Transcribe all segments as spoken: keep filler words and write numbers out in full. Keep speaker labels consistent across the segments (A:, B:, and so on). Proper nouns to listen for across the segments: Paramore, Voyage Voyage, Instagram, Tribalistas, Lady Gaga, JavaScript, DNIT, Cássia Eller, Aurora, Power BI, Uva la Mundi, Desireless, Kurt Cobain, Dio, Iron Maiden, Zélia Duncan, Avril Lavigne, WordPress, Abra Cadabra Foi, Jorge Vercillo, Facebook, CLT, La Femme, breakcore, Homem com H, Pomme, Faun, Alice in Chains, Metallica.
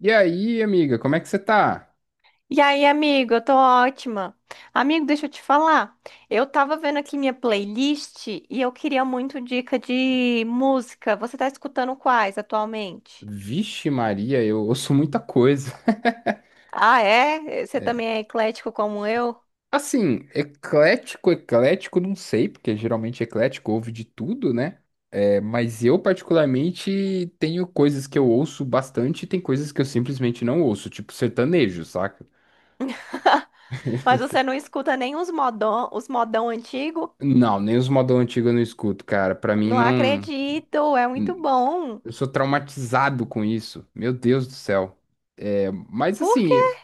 A: E aí, amiga, como é que você tá?
B: E aí, amigo, eu tô ótima. Amigo, deixa eu te falar. Eu tava vendo aqui minha playlist e eu queria muito dica de música. Você tá escutando quais atualmente?
A: Vixe Maria, eu ouço muita coisa.
B: Ah, é? Você também é eclético como eu?
A: Assim, eclético, eclético, não sei, porque geralmente eclético ouve de tudo, né? É, mas eu, particularmente, tenho coisas que eu ouço bastante e tem coisas que eu simplesmente não ouço, tipo sertanejo, saca?
B: Mas você não escuta nem os modão, os modão antigo?
A: Não, nem os modão antigo eu não escuto, cara. Pra mim,
B: Não
A: não.
B: acredito, é muito bom.
A: Eu sou traumatizado com isso. Meu Deus do céu. É, mas
B: Por
A: assim,
B: quê?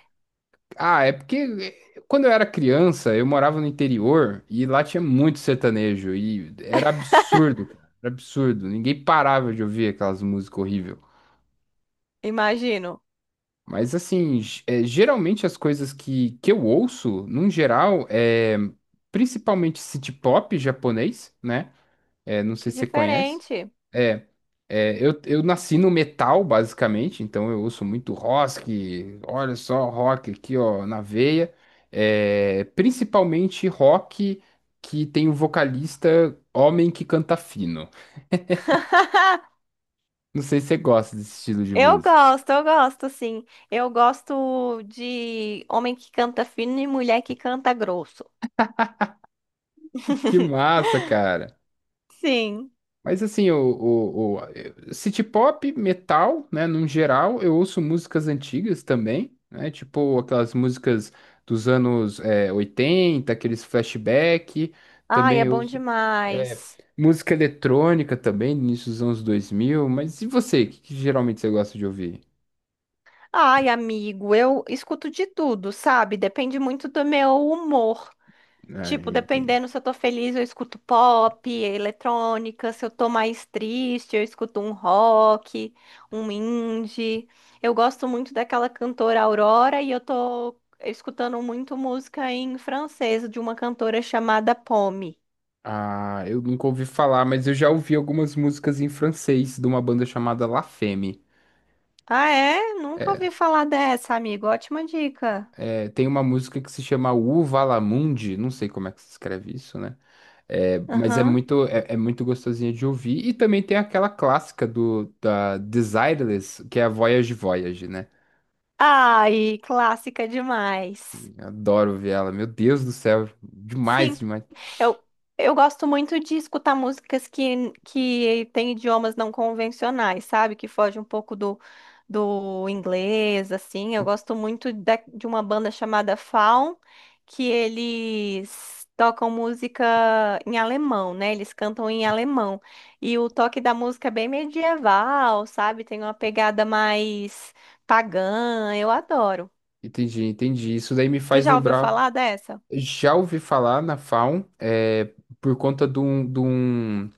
A: ah, é porque eh, quando eu era criança, eu morava no interior e lá tinha muito sertanejo e era absurdo, cara, era absurdo. Ninguém parava de ouvir aquelas músicas horríveis.
B: Imagino.
A: Mas assim, ge- eh, geralmente as coisas que, que eu ouço, num geral, é principalmente city pop japonês, né? É, não sei
B: Que
A: se você conhece.
B: diferente.
A: É, É, eu, eu nasci no metal, basicamente, então eu ouço muito rock, olha só, rock aqui, ó, na veia. É, principalmente rock que tem um vocalista homem que canta fino. Não sei se você gosta desse estilo de
B: Eu
A: música.
B: gosto, eu gosto, sim. Eu gosto de homem que canta fino e mulher que canta grosso.
A: Que massa, cara!
B: Sim.
A: Mas assim, o, o, o- eu- city pop, metal, né, num geral, eu ouço músicas antigas também, né, tipo aquelas músicas dos anos é, oitenta, aqueles flashback,
B: Ai,
A: também
B: é
A: eu
B: bom
A: É,
B: demais.
A: música eletrônica também, início dos anos dois mil, mas e você? O que, que geralmente você gosta de ouvir?
B: Ai, amigo, eu escuto de tudo, sabe? Depende muito do meu humor.
A: Ah,
B: Tipo,
A: entendo.
B: dependendo se eu tô feliz, eu escuto pop, eletrônica, se eu tô mais triste, eu escuto um rock, um indie. Eu gosto muito daquela cantora Aurora e eu tô escutando muito música em francês de uma cantora chamada Pomme.
A: Ah, eu nunca ouvi falar, mas eu já ouvi algumas músicas em francês de uma banda chamada La Femme.
B: Ah, é? Nunca ouvi falar dessa, amigo. Ótima dica.
A: É, tem uma música que se chama Uva la Mundi, não sei como é que se escreve isso, né? É, mas é
B: Aham.
A: muito, é, é muito gostosinha de ouvir. E também tem aquela clássica do, da Desireless, que é a Voyage Voyage, né?
B: Ai, clássica demais.
A: Adoro ouvir ela, meu Deus do céu, demais,
B: Sim.
A: demais.
B: Eu, eu gosto muito de escutar músicas que, que têm idiomas não convencionais, sabe? Que fogem um pouco do, do inglês, assim. Eu gosto muito da- de uma banda chamada Faun, que eles tocam música em alemão, né? Eles cantam em alemão. E o toque da música é bem medieval, sabe? Tem uma pegada mais pagã. Eu adoro.
A: Entendi, entendi. Isso daí me
B: Você
A: faz
B: já ouviu
A: lembrar.
B: falar dessa?
A: Já ouvi falar na Faun, é, por conta de um, de um-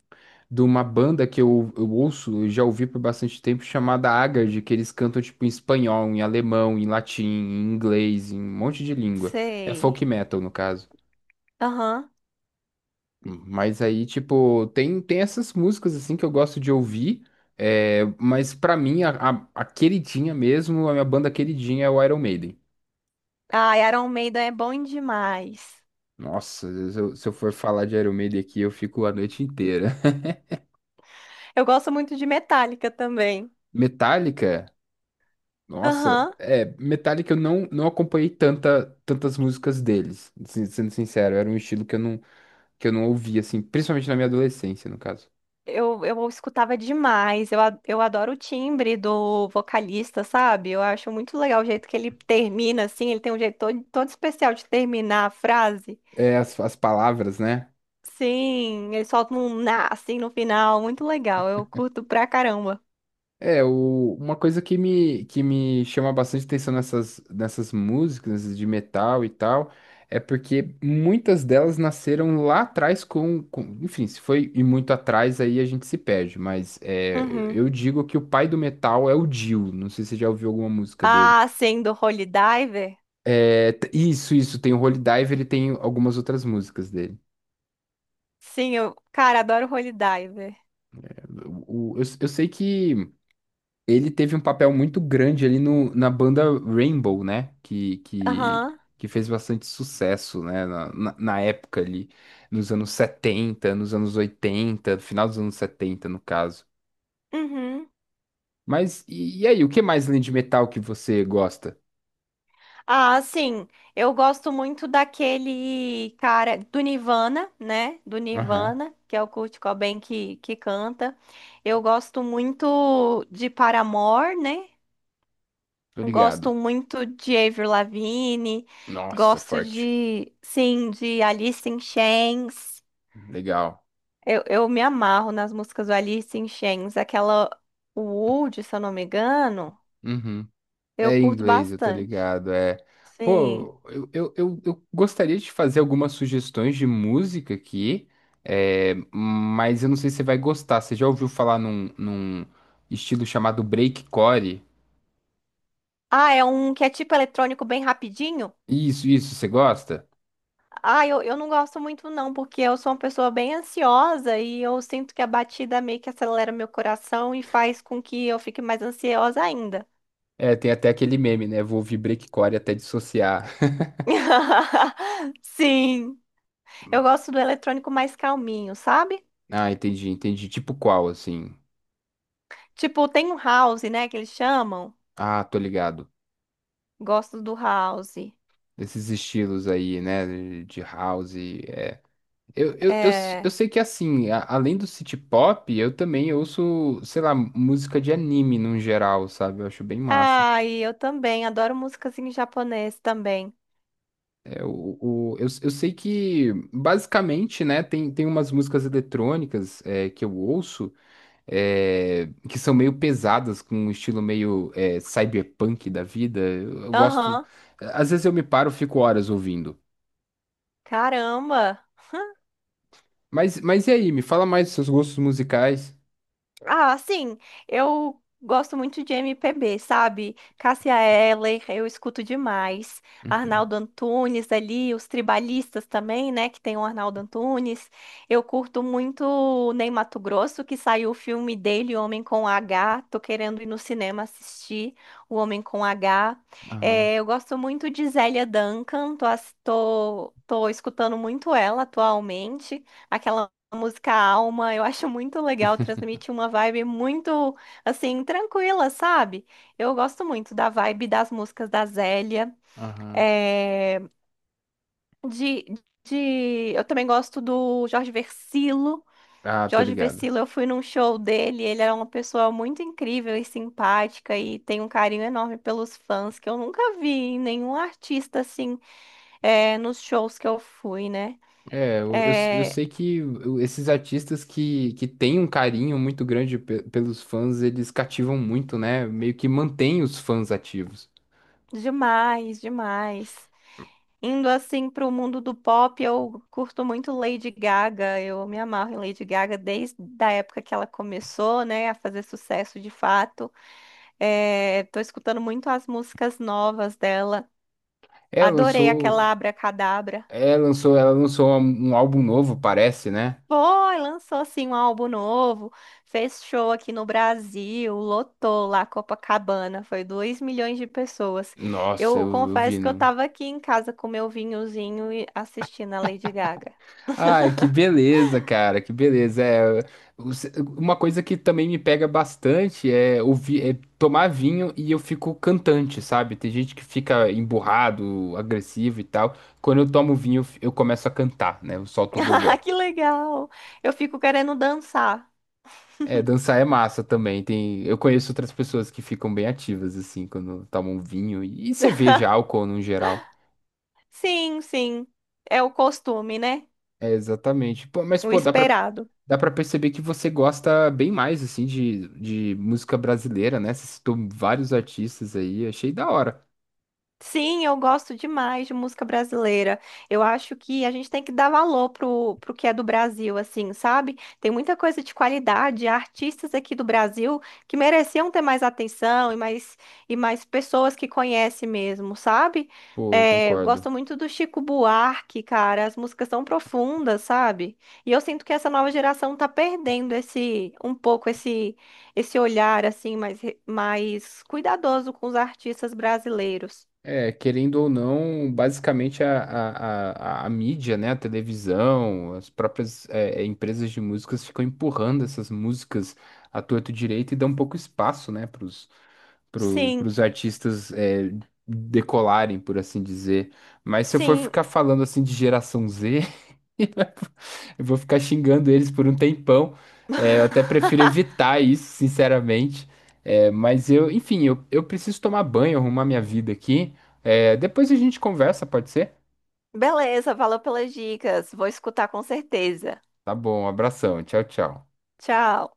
A: de uma banda que eu, eu ouço, eu já ouvi por bastante tempo, chamada Haggard, que eles cantam tipo em espanhol, em alemão, em latim, em inglês, em um monte de língua. É
B: Sei.
A: folk metal, no caso.
B: Aham.
A: Mas aí, tipo, tem, tem essas músicas assim que eu gosto de ouvir. É, mas pra mim, a, a, a queridinha mesmo, a minha banda queridinha é o Iron Maiden.
B: Ah, Iron Maiden é bom demais.
A: Nossa, se eu, se eu for falar de Iron Maiden aqui, eu fico a noite inteira.
B: Eu gosto muito de Metallica também.
A: Metallica, nossa,
B: Aham.
A: é, Metallica eu não, não acompanhei tanta, tantas músicas deles, sin- sendo sincero, era um estilo que eu não, que eu não ouvia, assim, principalmente na minha adolescência, no caso.
B: Eu, eu escutava demais. Eu, a- eu adoro o timbre do vocalista, sabe? Eu acho muito legal o jeito que ele termina, assim. Ele tem um jeito todo, todo especial de terminar a frase.
A: É, as, as palavras, né?
B: Sim, ele solta um na, assim, no final. Muito legal. Eu curto pra caramba.
A: É, o- uma coisa que me, que me chama bastante atenção nessas, nessas músicas, nessas de metal e tal, é porque muitas delas nasceram lá atrás com, com- enfim, se foi e muito atrás aí a gente se perde, mas é,
B: Uhum.
A: eu digo que o pai do metal é o Dio, não sei se você já ouviu alguma música dele.
B: Ah, sim, do Holy Diver.
A: É, t- isso, isso, tem o Holy Diver. Ele tem algumas outras músicas dele.
B: Sim, eu, cara, adoro Holy Diver.
A: O- o- eu, eu sei que ele teve um papel muito grande ali no, na banda Rainbow, né? Que, que,
B: Aham.
A: que fez bastante sucesso, né? Na, na, na época ali, nos anos setenta, nos anos oitenta, no final dos anos setenta, no caso.
B: Uhum.
A: Mas e, e aí, o que mais além de metal que você gosta?
B: Ah, sim. Eu gosto muito daquele cara do Nirvana, né? Do
A: Aham,
B: Nirvana, que é o Kurt Cobain que, que canta. Eu gosto muito de Paramore, né?
A: tô
B: Gosto
A: ligado.
B: muito de Avril Lavigne.
A: Nossa,
B: Gosto
A: forte.
B: de, sim, de Alice in Chains.
A: Legal.
B: Eu, eu me amarro nas músicas do Alice in Chains. Aquela Wood, se eu não me engano,
A: Uhum.
B: eu
A: É em
B: curto
A: inglês, eu tô
B: bastante.
A: ligado. É.
B: Sim.
A: Pô, eu, eu, eu, eu gostaria de fazer algumas sugestões de música aqui, é, mas eu não sei se você vai gostar. Você já ouviu falar num, num estilo chamado breakcore?
B: Ah, é um que é tipo eletrônico bem rapidinho?
A: Isso, isso, você gosta?
B: Ah, eu, eu não gosto muito não, porque eu sou uma pessoa bem ansiosa e eu sinto que a batida meio que acelera meu coração e faz com que eu fique mais ansiosa ainda.
A: É, tem até aquele meme, né? Vou ouvir breakcore até dissociar.
B: Sim, eu gosto do eletrônico mais calminho, sabe?
A: Ah, entendi, entendi. Tipo qual, assim?
B: Tipo, tem um house, né, que eles chamam.
A: Ah, tô ligado.
B: Gosto do house.
A: Esses estilos aí, né? De de house. Eu, eu, eu, s- eu
B: É.
A: sei que assim, a- além do city pop, eu também ouço, sei lá, música de anime no geral, sabe? Eu acho bem massa.
B: Ah, e eu também adoro músicas em japonês também.
A: É, o, o, eu, eu sei que, basicamente, né, tem, tem umas músicas eletrônicas é, que eu ouço é, que são meio pesadas, com um estilo meio é, cyberpunk da vida. Eu, eu gosto.
B: Aham.
A: Às vezes eu me paro, fico horas ouvindo.
B: Caramba.
A: Mas, mas e aí, me fala mais dos seus gostos musicais.
B: Ah, sim, eu gosto muito de M P B, sabe? Cássia Eller, eu escuto demais.
A: Uhum.
B: Arnaldo Antunes ali, os tribalistas também, né? Que tem o Arnaldo Antunes. Eu curto muito o Ney Matogrosso, que saiu o filme dele, Homem com H. Tô querendo ir no cinema assistir o Homem com H.
A: Aham,
B: É, eu gosto muito de Zélia Duncan, tô, ass- tô, tô escutando muito ela atualmente. Aquela a música Alma, eu acho muito legal, transmite uma vibe muito, assim, tranquila, sabe? Eu gosto muito da vibe das músicas da Zélia,
A: aham.
B: eh, de, de... Eu também gosto do Jorge Vercillo.
A: Ah, tô
B: Jorge
A: ligado.
B: Vercillo, eu fui num show dele, ele era uma pessoa muito incrível e simpática e tem um carinho enorme pelos fãs, que eu nunca vi em nenhum artista, assim, eh, nos shows que eu fui, né?
A: É, eu, eu, eu
B: É,
A: sei que esses artistas que, que têm um carinho muito grande pe- pelos fãs, eles cativam muito, né? Meio que mantém os fãs ativos.
B: demais, demais. Indo assim para o mundo do pop, eu curto muito Lady Gaga. Eu me amarro em Lady Gaga desde a época que ela começou, né, a fazer sucesso de fato. É, tô escutando muito as músicas novas dela.
A: É,
B: Adorei aquela
A: lançou,
B: Abra Cadabra.
A: é, lançou, ela lançou um álbum novo, parece, né?
B: Foi, lançou assim um álbum novo, fez show aqui no Brasil, lotou lá Copacabana, foi dois milhões de pessoas.
A: Nossa,
B: Eu
A: eu, eu vi.
B: confesso que eu estava aqui em casa com meu vinhozinho e assistindo a Lady Gaga.
A: Ai, que beleza, cara, que beleza. É, os- uma coisa que também me pega bastante é, ouvir, é tomar vinho e eu fico cantante, sabe? Tem gente que fica emburrado, agressivo e tal. Quando eu tomo vinho, eu f- eu começo a cantar, né? Eu solto o
B: Ah,
A: gogó.
B: que legal! Eu fico querendo dançar.
A: É, dançar é massa também. Tem, eu conheço outras pessoas que ficam bem ativas, assim, quando tomam vinho e, e cerveja, álcool no geral.
B: Sim, sim. É o costume, né?
A: É, exatamente. Pô, mas,
B: O
A: pô, dá pra
B: esperado.
A: Dá pra perceber que você gosta bem mais, assim, de, de música brasileira, né? Você citou vários artistas aí, achei da hora.
B: Sim, eu gosto demais de música brasileira. Eu acho que a gente tem que dar valor pro, pro que é do Brasil, assim, sabe? Tem muita coisa de qualidade, artistas aqui do Brasil que mereciam ter mais atenção e mais, e mais pessoas que conhecem mesmo, sabe?
A: Pô, eu
B: É, eu
A: concordo.
B: gosto muito do Chico Buarque, cara. As músicas são profundas, sabe? E eu sinto que essa nova geração tá perdendo esse um pouco esse esse olhar assim mais re- mais cuidadoso com os artistas brasileiros.
A: É, querendo ou não, basicamente a, a, a, a mídia, né? A televisão, as próprias é, é, empresas de músicas ficam empurrando essas músicas à torto e direito e dão um pouco espaço, né? Pros, pro,
B: Sim,
A: pros artistas é, decolarem, por assim dizer. Mas se eu for
B: sim.
A: ficar falando, assim, de geração zê... Eu vou ficar xingando eles por um tempão. É, eu até prefiro evitar isso, sinceramente. É, mas eu, enfim, eu, eu preciso tomar banho, arrumar minha vida aqui. É, depois a gente conversa, pode ser?
B: Beleza, valeu pelas dicas. Vou escutar com certeza.
A: Tá bom, um abração, tchau, tchau.
B: Tchau.